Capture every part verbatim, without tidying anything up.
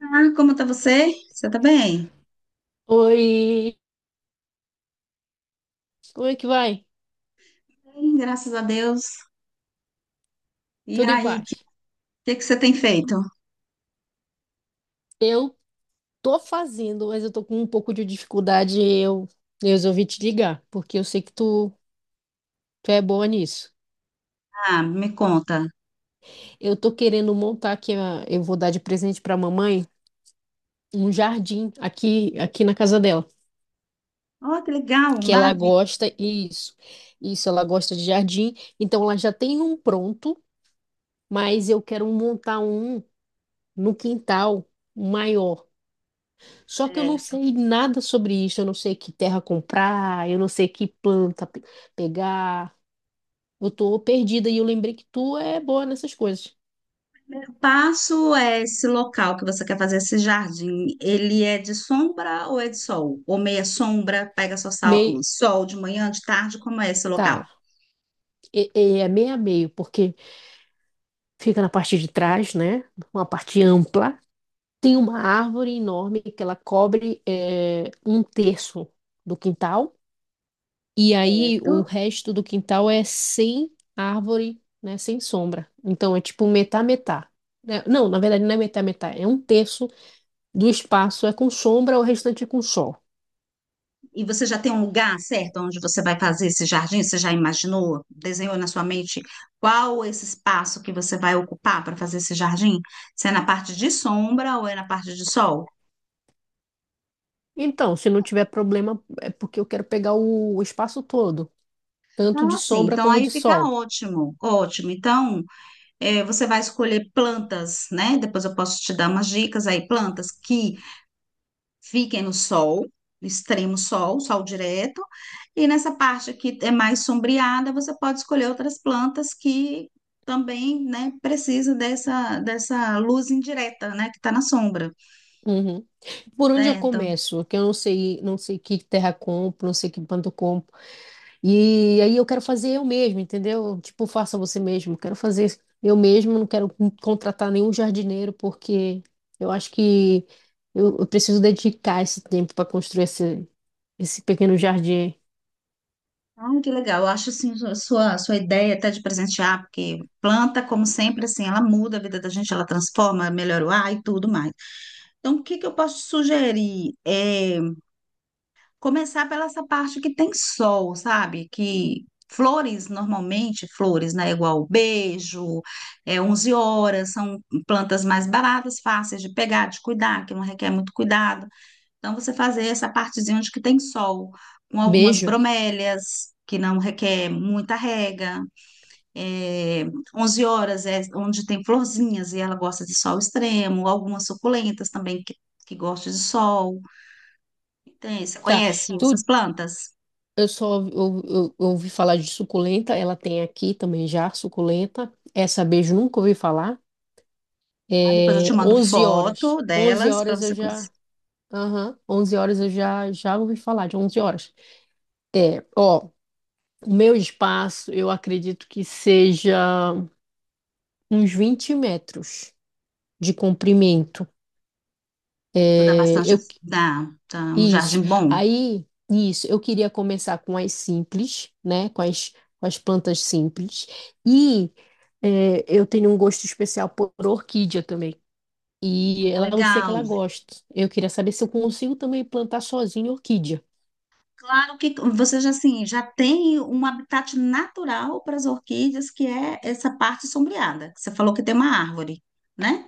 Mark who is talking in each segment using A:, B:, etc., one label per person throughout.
A: Ah, como tá você? Você tá bem?
B: Oi, como é que vai?
A: Bem, graças a Deus. E
B: Tudo em
A: aí, o que,
B: paz?
A: que que você tem feito?
B: Eu tô fazendo, mas eu tô com um pouco de dificuldade. Eu, eu resolvi te ligar, porque eu sei que tu, tu é boa nisso.
A: Ah, me conta.
B: Eu tô querendo montar aqui, a- eu vou dar de presente pra mamãe um jardim aqui, aqui, na casa dela,
A: Oh, que legal,
B: que ela
A: maravilha.
B: gosta, e isso. Isso, ela gosta de jardim. Então ela já tem um pronto, mas eu quero montar um no quintal maior. Só que eu não
A: É,
B: sei nada sobre isso, eu não sei que terra comprar, eu não sei que planta pe- pegar. Eu tô perdida e eu lembrei que tu é boa nessas coisas.
A: eu passo é esse local que você quer fazer, esse jardim, ele é de sombra ou é de sol? Ou meia sombra, pega só sal-
B: Meio,
A: sol de manhã, de tarde, como é esse local?
B: tá. E- e é meio a meio, porque fica na parte de trás, né? Uma parte ampla. Tem uma árvore enorme que ela cobre é, um terço do quintal. E aí o
A: Certo.
B: resto do quintal é sem árvore, né? Sem sombra. Então é tipo metá-metá. Né? Não, na verdade não é metá-metá. É um terço do espaço é com sombra, o restante é com sol.
A: E você já tem um lugar certo onde você vai fazer esse jardim? Você já imaginou, desenhou na sua mente qual esse espaço que você vai ocupar para fazer esse jardim? Se é na parte de sombra ou é na parte de sol?
B: Então, se não tiver problema, é porque eu quero pegar o, o espaço todo, tanto de
A: Ah, sim.
B: sombra
A: Então
B: como
A: aí
B: de
A: fica
B: sol.
A: ótimo, ótimo. Então eh, você vai escolher plantas, né? Depois eu posso te dar umas dicas aí, plantas que fiquem no sol, no extremo sol, sol direto, e nessa parte que é mais sombreada, você pode escolher outras plantas que também, né, precisa dessa, dessa luz indireta, né, que está na sombra,
B: Uhum. Por onde eu
A: certo?
B: começo? Que eu não sei, não sei que terra compro, não sei que planta eu compro. E aí eu quero fazer eu mesmo, entendeu? Tipo, faça você mesmo. Quero fazer eu mesmo, não quero contratar nenhum jardineiro, porque eu acho que eu, eu preciso dedicar esse tempo para construir esse, esse pequeno jardim.
A: Ah, que legal, eu acho, assim, a sua, a sua ideia até de presentear, porque planta, como sempre, assim, ela muda a vida da gente, ela transforma, melhora o ar e tudo mais. Então, o que que eu posso sugerir? É, começar pela essa parte que tem sol, sabe? Que flores, normalmente, flores, né? Igual beijo, é 11 horas, são plantas mais baratas, fáceis de pegar, de cuidar, que não requer muito cuidado. Então, você fazer essa partezinha onde que tem sol, com algumas
B: Beijo.
A: bromélias, que não requer muita rega. É, 11 horas é onde tem florzinhas e ela gosta de sol extremo, algumas suculentas também que, que gostam de sol. Tem, você
B: Tá.
A: conhece
B: Tu,
A: essas plantas?
B: eu só eu, eu- eu ouvi falar de suculenta, ela tem aqui também já, suculenta. Essa beijo nunca ouvi falar.
A: Tá? Depois eu
B: É
A: te mando
B: onze horas.
A: foto
B: Onze
A: delas para
B: horas eu
A: você conhecer.
B: já. Aham, onze horas eu já, já ouvi falar de onze horas. Ó, o meu espaço, eu acredito que seja uns vinte metros de comprimento.
A: Tu dá
B: É,
A: bastante,
B: eu,
A: dá, tá um
B: isso.
A: jardim bom.
B: Aí, isso, eu queria começar com as simples, né? Com as, com as plantas simples. E é, eu tenho um gosto especial por orquídea também. E
A: Ah,
B: ela, eu sei que
A: legal.
B: ela gosta. Eu queria saber se eu consigo também plantar sozinha orquídea.
A: Claro que você já assim, já tem um habitat natural para as orquídeas, que é essa parte sombreada, que você falou que tem uma árvore, né?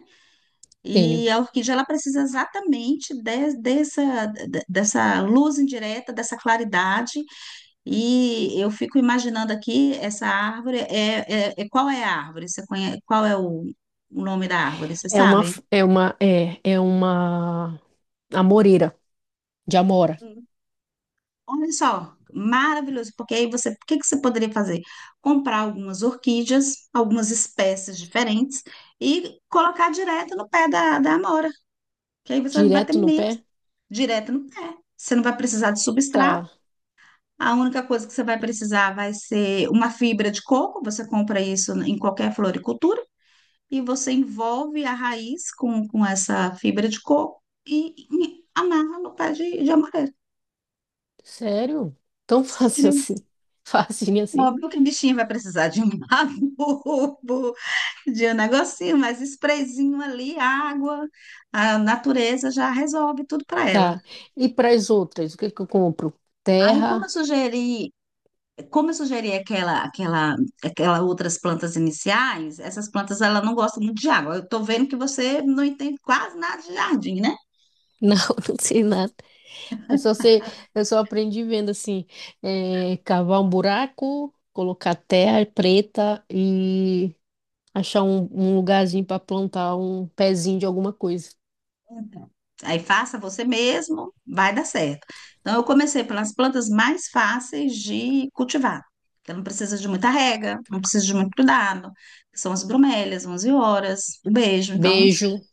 A: E
B: Tenho.
A: a orquídea ela precisa exatamente de- dessa de- dessa luz indireta, dessa claridade. E eu fico imaginando aqui, essa árvore, é, é, é- qual é a árvore? Você conhece, qual é o, o nome da árvore? Você
B: É uma,
A: sabe?
B: f- é uma, é, é uma amoreira de amora.
A: Hum. Olha só, maravilhoso, porque aí você, o que que você poderia fazer? Comprar algumas orquídeas, algumas espécies diferentes e colocar direto no pé da, da amora, que aí você vai ter
B: Direto no
A: menos
B: pé?
A: direto no pé. Você não vai precisar de substrato.
B: Tá.
A: A única coisa que você vai precisar vai ser uma fibra de coco, você compra isso em qualquer floricultura e você envolve a raiz com, com essa fibra de coco e, e amarra no pé de, de amarelo.
B: Sério? Tão fácil
A: Sério.
B: assim. Facinho assim.
A: Óbvio que a bichinha vai precisar de um adubo, de um negocinho, mas sprayzinho ali, água, a natureza já resolve tudo para ela.
B: Tá. E para as outras, o que que eu compro?
A: Aí, como eu
B: Terra?
A: sugeri, como eu sugeri aquela, aquela, aquela outras plantas iniciais, essas plantas ela não gostam muito de água. Eu estou vendo que você não entende quase nada de jardim, né?
B: Não, não sei nada. Eu só sei, eu só aprendi vendo assim, é, cavar um buraco, colocar terra preta e achar um, um lugarzinho para plantar um pezinho de alguma coisa.
A: Aí faça você mesmo, vai dar certo. Então, eu comecei pelas plantas mais fáceis de cultivar, que não precisa de muita rega, não precisa de muito cuidado, que são as bromélias, onze horas, o beijo. Então,
B: Beijo,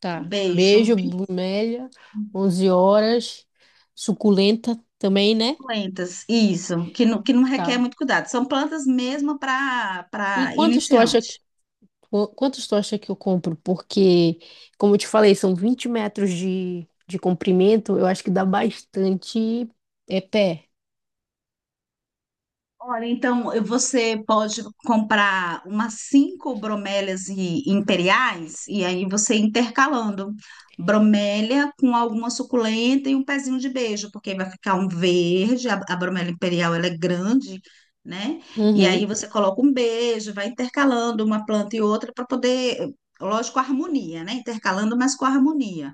B: tá.
A: beijo,
B: Beijo, bromélia, onze horas, suculenta também, né?
A: plantas, isso, que não, que não requer
B: Tá.
A: muito cuidado. São plantas mesmo para
B: E
A: para
B: quantos tu acha
A: iniciante.
B: Qu- Quantos tu acha que eu compro? Porque, como eu te falei, são vinte metros de, de comprimento, eu acho que dá bastante é pé.
A: Olha, então eh, você pode comprar umas cinco bromélias e- imperiais e aí você intercalando bromélia com alguma suculenta e um pezinho de beijo, porque vai ficar um verde, a, a bromélia imperial ela é grande, né? E aí
B: Uhum.
A: você coloca um beijo, vai intercalando uma planta e outra para poder, eh, lógico, harmonia, né? Intercalando, mas com harmonia.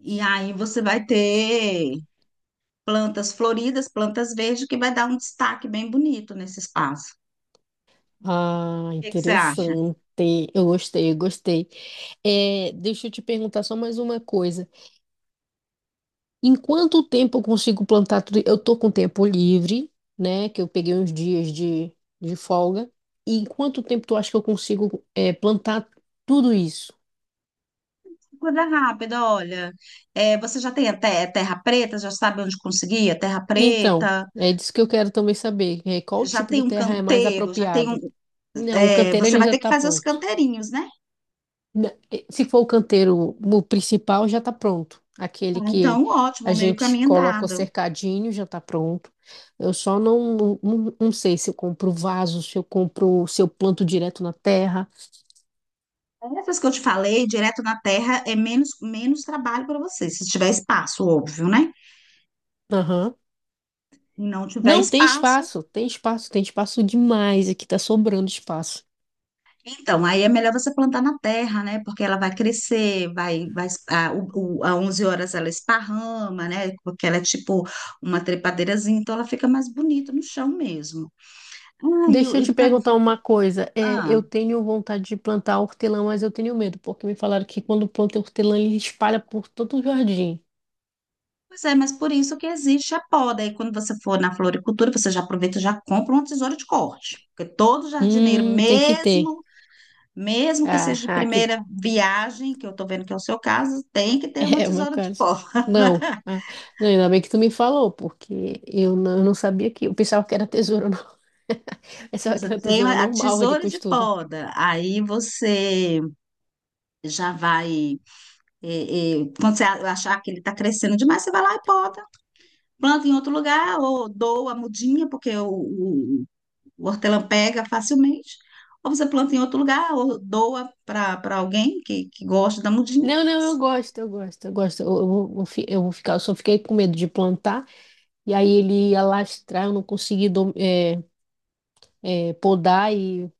A: E aí você vai ter plantas floridas, plantas verdes, que vai dar um destaque bem bonito nesse espaço.
B: Ah,
A: O que é que você acha?
B: interessante. Eu gostei, eu gostei. É, deixa eu te perguntar só mais uma coisa. Em quanto tempo eu consigo plantar tudo? Eu tô com tempo livre, né? Que eu peguei uns dias de, de folga. E em quanto tempo tu acha que eu consigo, é, plantar tudo isso?
A: Coisa rápida, olha. É, você já tem até terra preta, já sabe onde conseguir a terra
B: Então,
A: preta,
B: é disso que eu quero também saber. É, qual
A: já
B: tipo
A: tem
B: de
A: um
B: terra é mais
A: canteiro, já tem um.
B: apropriada? Não, o
A: É,
B: canteiro
A: você
B: ele
A: vai
B: já
A: ter que
B: está
A: fazer os
B: pronto.
A: canteirinhos, né?
B: Na- eh, Se for o canteiro o principal, já está pronto. Aquele
A: Ah,
B: que
A: então, ótimo,
B: a
A: meio
B: gente
A: caminho
B: coloca o
A: andado.
B: cercadinho já está pronto. Eu só não, não, não- não sei se eu compro vaso, se eu compro, se eu planto direto na terra.
A: Essas que eu te falei, direto na terra, é menos, menos trabalho para você, se tiver espaço, óbvio, né?
B: Aham.
A: Se não tiver
B: Não, tem
A: espaço,
B: espaço, tem espaço, tem espaço demais. Aqui está sobrando espaço.
A: então, aí é melhor você plantar na terra, né? Porque ela vai crescer, vai, vai, a, o, o- a 11 horas ela esparrama, né? Porque ela é tipo uma trepadeirazinha, então ela fica mais bonita no chão mesmo. Ah, e
B: Deixa
A: o-
B: eu te
A: e tá,
B: perguntar uma coisa. É,
A: ah,
B: eu tenho vontade de plantar hortelã, mas eu tenho medo, porque me falaram que quando planta hortelã, ele espalha por todo o jardim.
A: pois é, mas por isso que existe a poda. Aí quando você for na floricultura, você já aproveita e já compra uma tesoura de corte. Porque todo jardineiro,
B: Hum, tem que ter.
A: mesmo, mesmo que
B: Ah,
A: seja de
B: aqui
A: primeira viagem, que eu tô vendo que é o seu caso, tem que ter uma
B: é o meu
A: tesoura de
B: caso.
A: poda.
B: Não. Ah, não, ainda bem que tu me falou, porque eu não, eu não sabia que. Eu pensava que era tesoura. Não. Pensava que
A: Você
B: era
A: tem
B: tesoura
A: a a
B: normal de
A: tesoura de
B: costura.
A: poda, aí você já vai. é, é, quando você a- achar que ele está crescendo demais, você vai lá e poda, planta em outro lugar, ou doa a mudinha, porque o, o, o hortelã pega facilmente, ou você planta em outro lugar, ou doa para para alguém que, que gosta da mudinha.
B: Não, não, eu gosto, eu gosto, eu gosto. Eu, eu vou, eu fi- eu vou ficar, eu só fiquei com medo de plantar, e aí ele ia lastrar, eu não consegui dom- é, é, podar e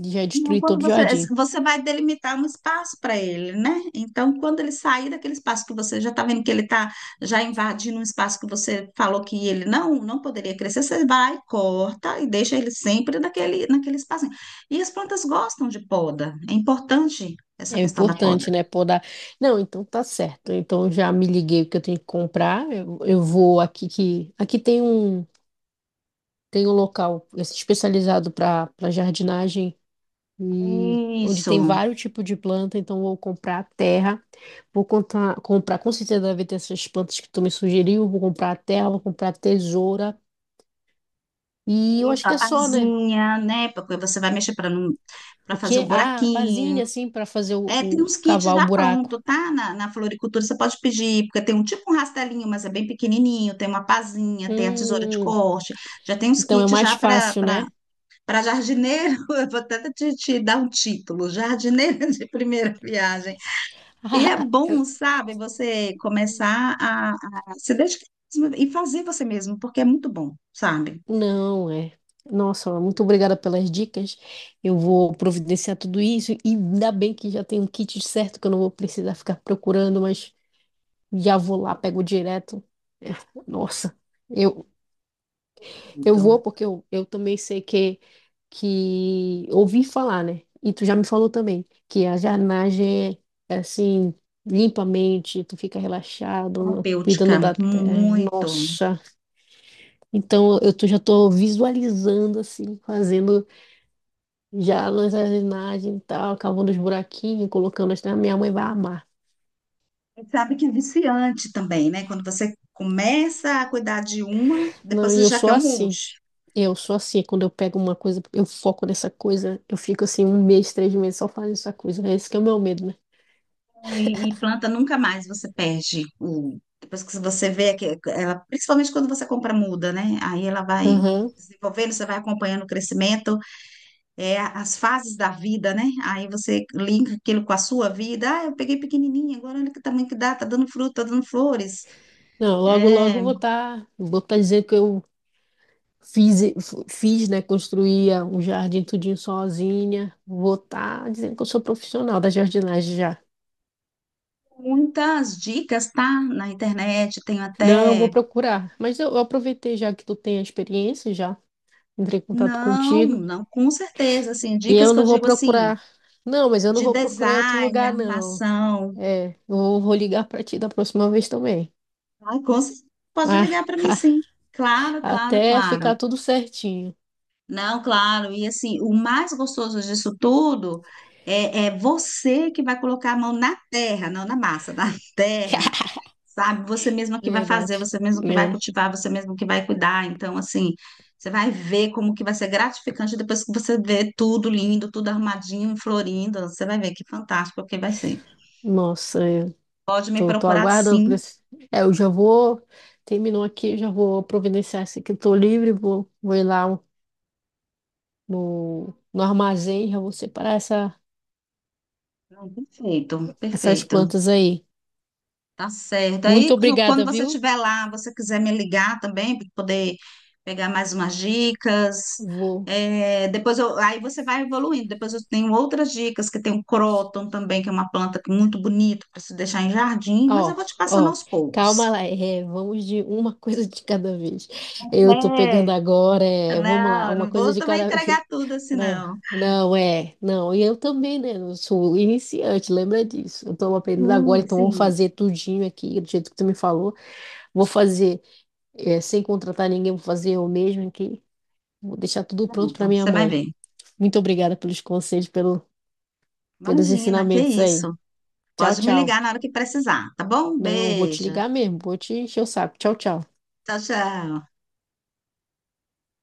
B: já
A: Não,
B: destruí
A: quando
B: todo o
A: você,
B: jardim.
A: você vai delimitar um espaço para ele, né? Então, quando ele sair daquele espaço que você já está vendo que ele está já invadindo um espaço que você falou que ele não não poderia crescer, você vai, corta e deixa ele sempre naquele, naquele espacinho. E as plantas gostam de poda. É importante essa
B: É
A: questão da poda.
B: importante, né? Podar. Não, então tá certo. Então eu já me liguei o que eu tenho que comprar. Eu, eu vou aqui que. Aqui tem um, tem um local especializado para para jardinagem e onde
A: Isso,
B: tem vários tipos de planta. Então eu vou comprar terra. Vou contar, comprar, com certeza deve ter essas plantas que tu me sugeriu. Vou comprar terra, vou comprar tesoura. E eu
A: isso,
B: acho que
A: a
B: é só, né?
A: pazinha, né? Porque você vai mexer para não, para
B: O
A: fazer o
B: quê? Ah,
A: buraquinho.
B: pazinha, assim, para fazer o,
A: É, tem
B: o
A: uns kits
B: cavar o
A: já pronto,
B: buraco.
A: tá? Na, na floricultura você pode pedir, porque tem um tipo um rastelinho, mas é bem pequenininho, tem uma pazinha, tem a tesoura de
B: Hum.
A: corte, já tem uns
B: Então é
A: kits
B: mais
A: já para
B: fácil, né?
A: para jardineiro, eu vou até te, te dar um título, jardineiro de primeira viagem. E é bom, sabe, você começar a, a se dedicar mesmo e fazer você mesmo, porque é muito bom, sabe?
B: Não, é. Nossa, muito obrigada pelas dicas. Eu vou providenciar tudo isso e ainda bem que já tem um kit certo que eu não vou precisar ficar procurando, mas já vou lá, pego direto. É, nossa, eu, eu
A: Muito
B: vou porque eu, eu também sei que, que ouvi falar, né? E tu já me falou também que a jardinagem é é assim, limpa a mente, tu fica relaxado,
A: terapêutica,
B: cuidando da terra.
A: muito.
B: Nossa. Então eu tô- já tô visualizando assim, fazendo já a jardinagem e tal, cavando os buraquinhos, colocando as. Ah, minha mãe vai amar.
A: Você sabe que é viciante também, né? Quando você começa a cuidar de uma,
B: Não,
A: depois
B: e
A: você
B: eu
A: já
B: sou
A: quer um
B: assim.
A: monte.
B: Eu sou assim. Quando eu pego uma coisa, eu foco nessa coisa, eu fico assim um mês, três meses só fazendo essa coisa. Né? Esse que é o meu medo, né?
A: E, e planta nunca mais você perde o. Depois que você vê que ela, principalmente quando você compra muda, né? Aí ela vai
B: Aham.
A: desenvolvendo, você vai acompanhando o crescimento, é, as fases da vida, né? Aí você linka aquilo com a sua vida. Ah, eu peguei pequenininha, agora olha que tamanho que dá, tá dando fruta, tá dando flores.
B: Não, logo, logo
A: É,
B: eu vou estar, vou estar dizendo que eu fiz, e- f- fiz, né, construía um jardim tudinho sozinha. Vou estar dizendo que eu sou profissional da jardinagem já.
A: muitas dicas, tá? Na internet, tenho
B: Não, eu vou
A: até.
B: procurar. Mas eu, eu aproveitei já que tu tem a experiência, já entrei em contato
A: Não,
B: contigo.
A: não, com certeza, assim,
B: E
A: dicas
B: eu
A: que eu
B: não vou
A: digo assim,
B: procurar. Não, mas eu não
A: de
B: vou procurar em outro
A: design,
B: lugar, não.
A: arrumação,
B: É, eu vou vou ligar pra ti da próxima vez também.
A: ai, com certeza, pode
B: Ah,
A: ligar para mim sim. Claro, claro,
B: até
A: claro.
B: ficar tudo certinho.
A: Não, claro, e assim, o mais gostoso disso tudo é, é você que vai colocar a mão na terra, não na massa, na terra, sabe? Você mesmo que vai fazer,
B: Verdade.
A: você mesmo que vai
B: É.
A: cultivar, você mesmo que vai cuidar. Então, assim, você vai ver como que vai ser gratificante depois que você vê tudo lindo, tudo arrumadinho, florindo. Você vai ver que fantástico que vai ser.
B: Nossa, eu
A: Pode me
B: tô, tô
A: procurar,
B: aguardando por
A: sim.
B: esse. É, eu já vou. Terminou aqui, eu já vou providenciar esse que eu tô livre, vou, vou ir lá no, no armazém, já vou separar essa,
A: Não, perfeito,
B: essas
A: perfeito.
B: plantas aí.
A: Tá certo. Aí,
B: Muito
A: qu- quando
B: obrigada,
A: você
B: viu?
A: estiver lá, você quiser me ligar também para poder pegar mais umas dicas.
B: Vou.
A: É, depois eu, aí você vai evoluindo. Depois eu tenho outras dicas, que tem o croton também, que é uma planta que é muito bonita para se deixar em jardim, mas eu
B: Ó,
A: vou te passando
B: ó,
A: aos poucos.
B: calma lá. É, vamos de uma coisa de cada vez. Eu tô pegando
A: É.
B: agora, é, vamos lá,
A: Não,
B: uma
A: não
B: coisa
A: vou
B: de
A: também
B: cada vez.
A: entregar tudo assim,
B: Não,
A: não.
B: não, é, não. E eu também, né? Eu sou iniciante, lembra disso. Eu tô aprendendo agora,
A: Sim,
B: então vou
A: sim.
B: fazer tudinho aqui, do jeito que tu me falou. Vou fazer, é, sem contratar ninguém, vou fazer eu mesmo aqui. Vou deixar tudo pronto para
A: Pronto,
B: minha
A: você vai
B: mãe.
A: ver.
B: Muito obrigada pelos conselhos, pelo, pelos
A: Imagina, que
B: ensinamentos aí.
A: isso.
B: Tchau,
A: Pode me ligar
B: tchau.
A: na hora que precisar, tá bom?
B: Não, vou te
A: Beijo.
B: ligar mesmo, vou te encher o saco. Tchau, tchau.
A: Tchau, tchau.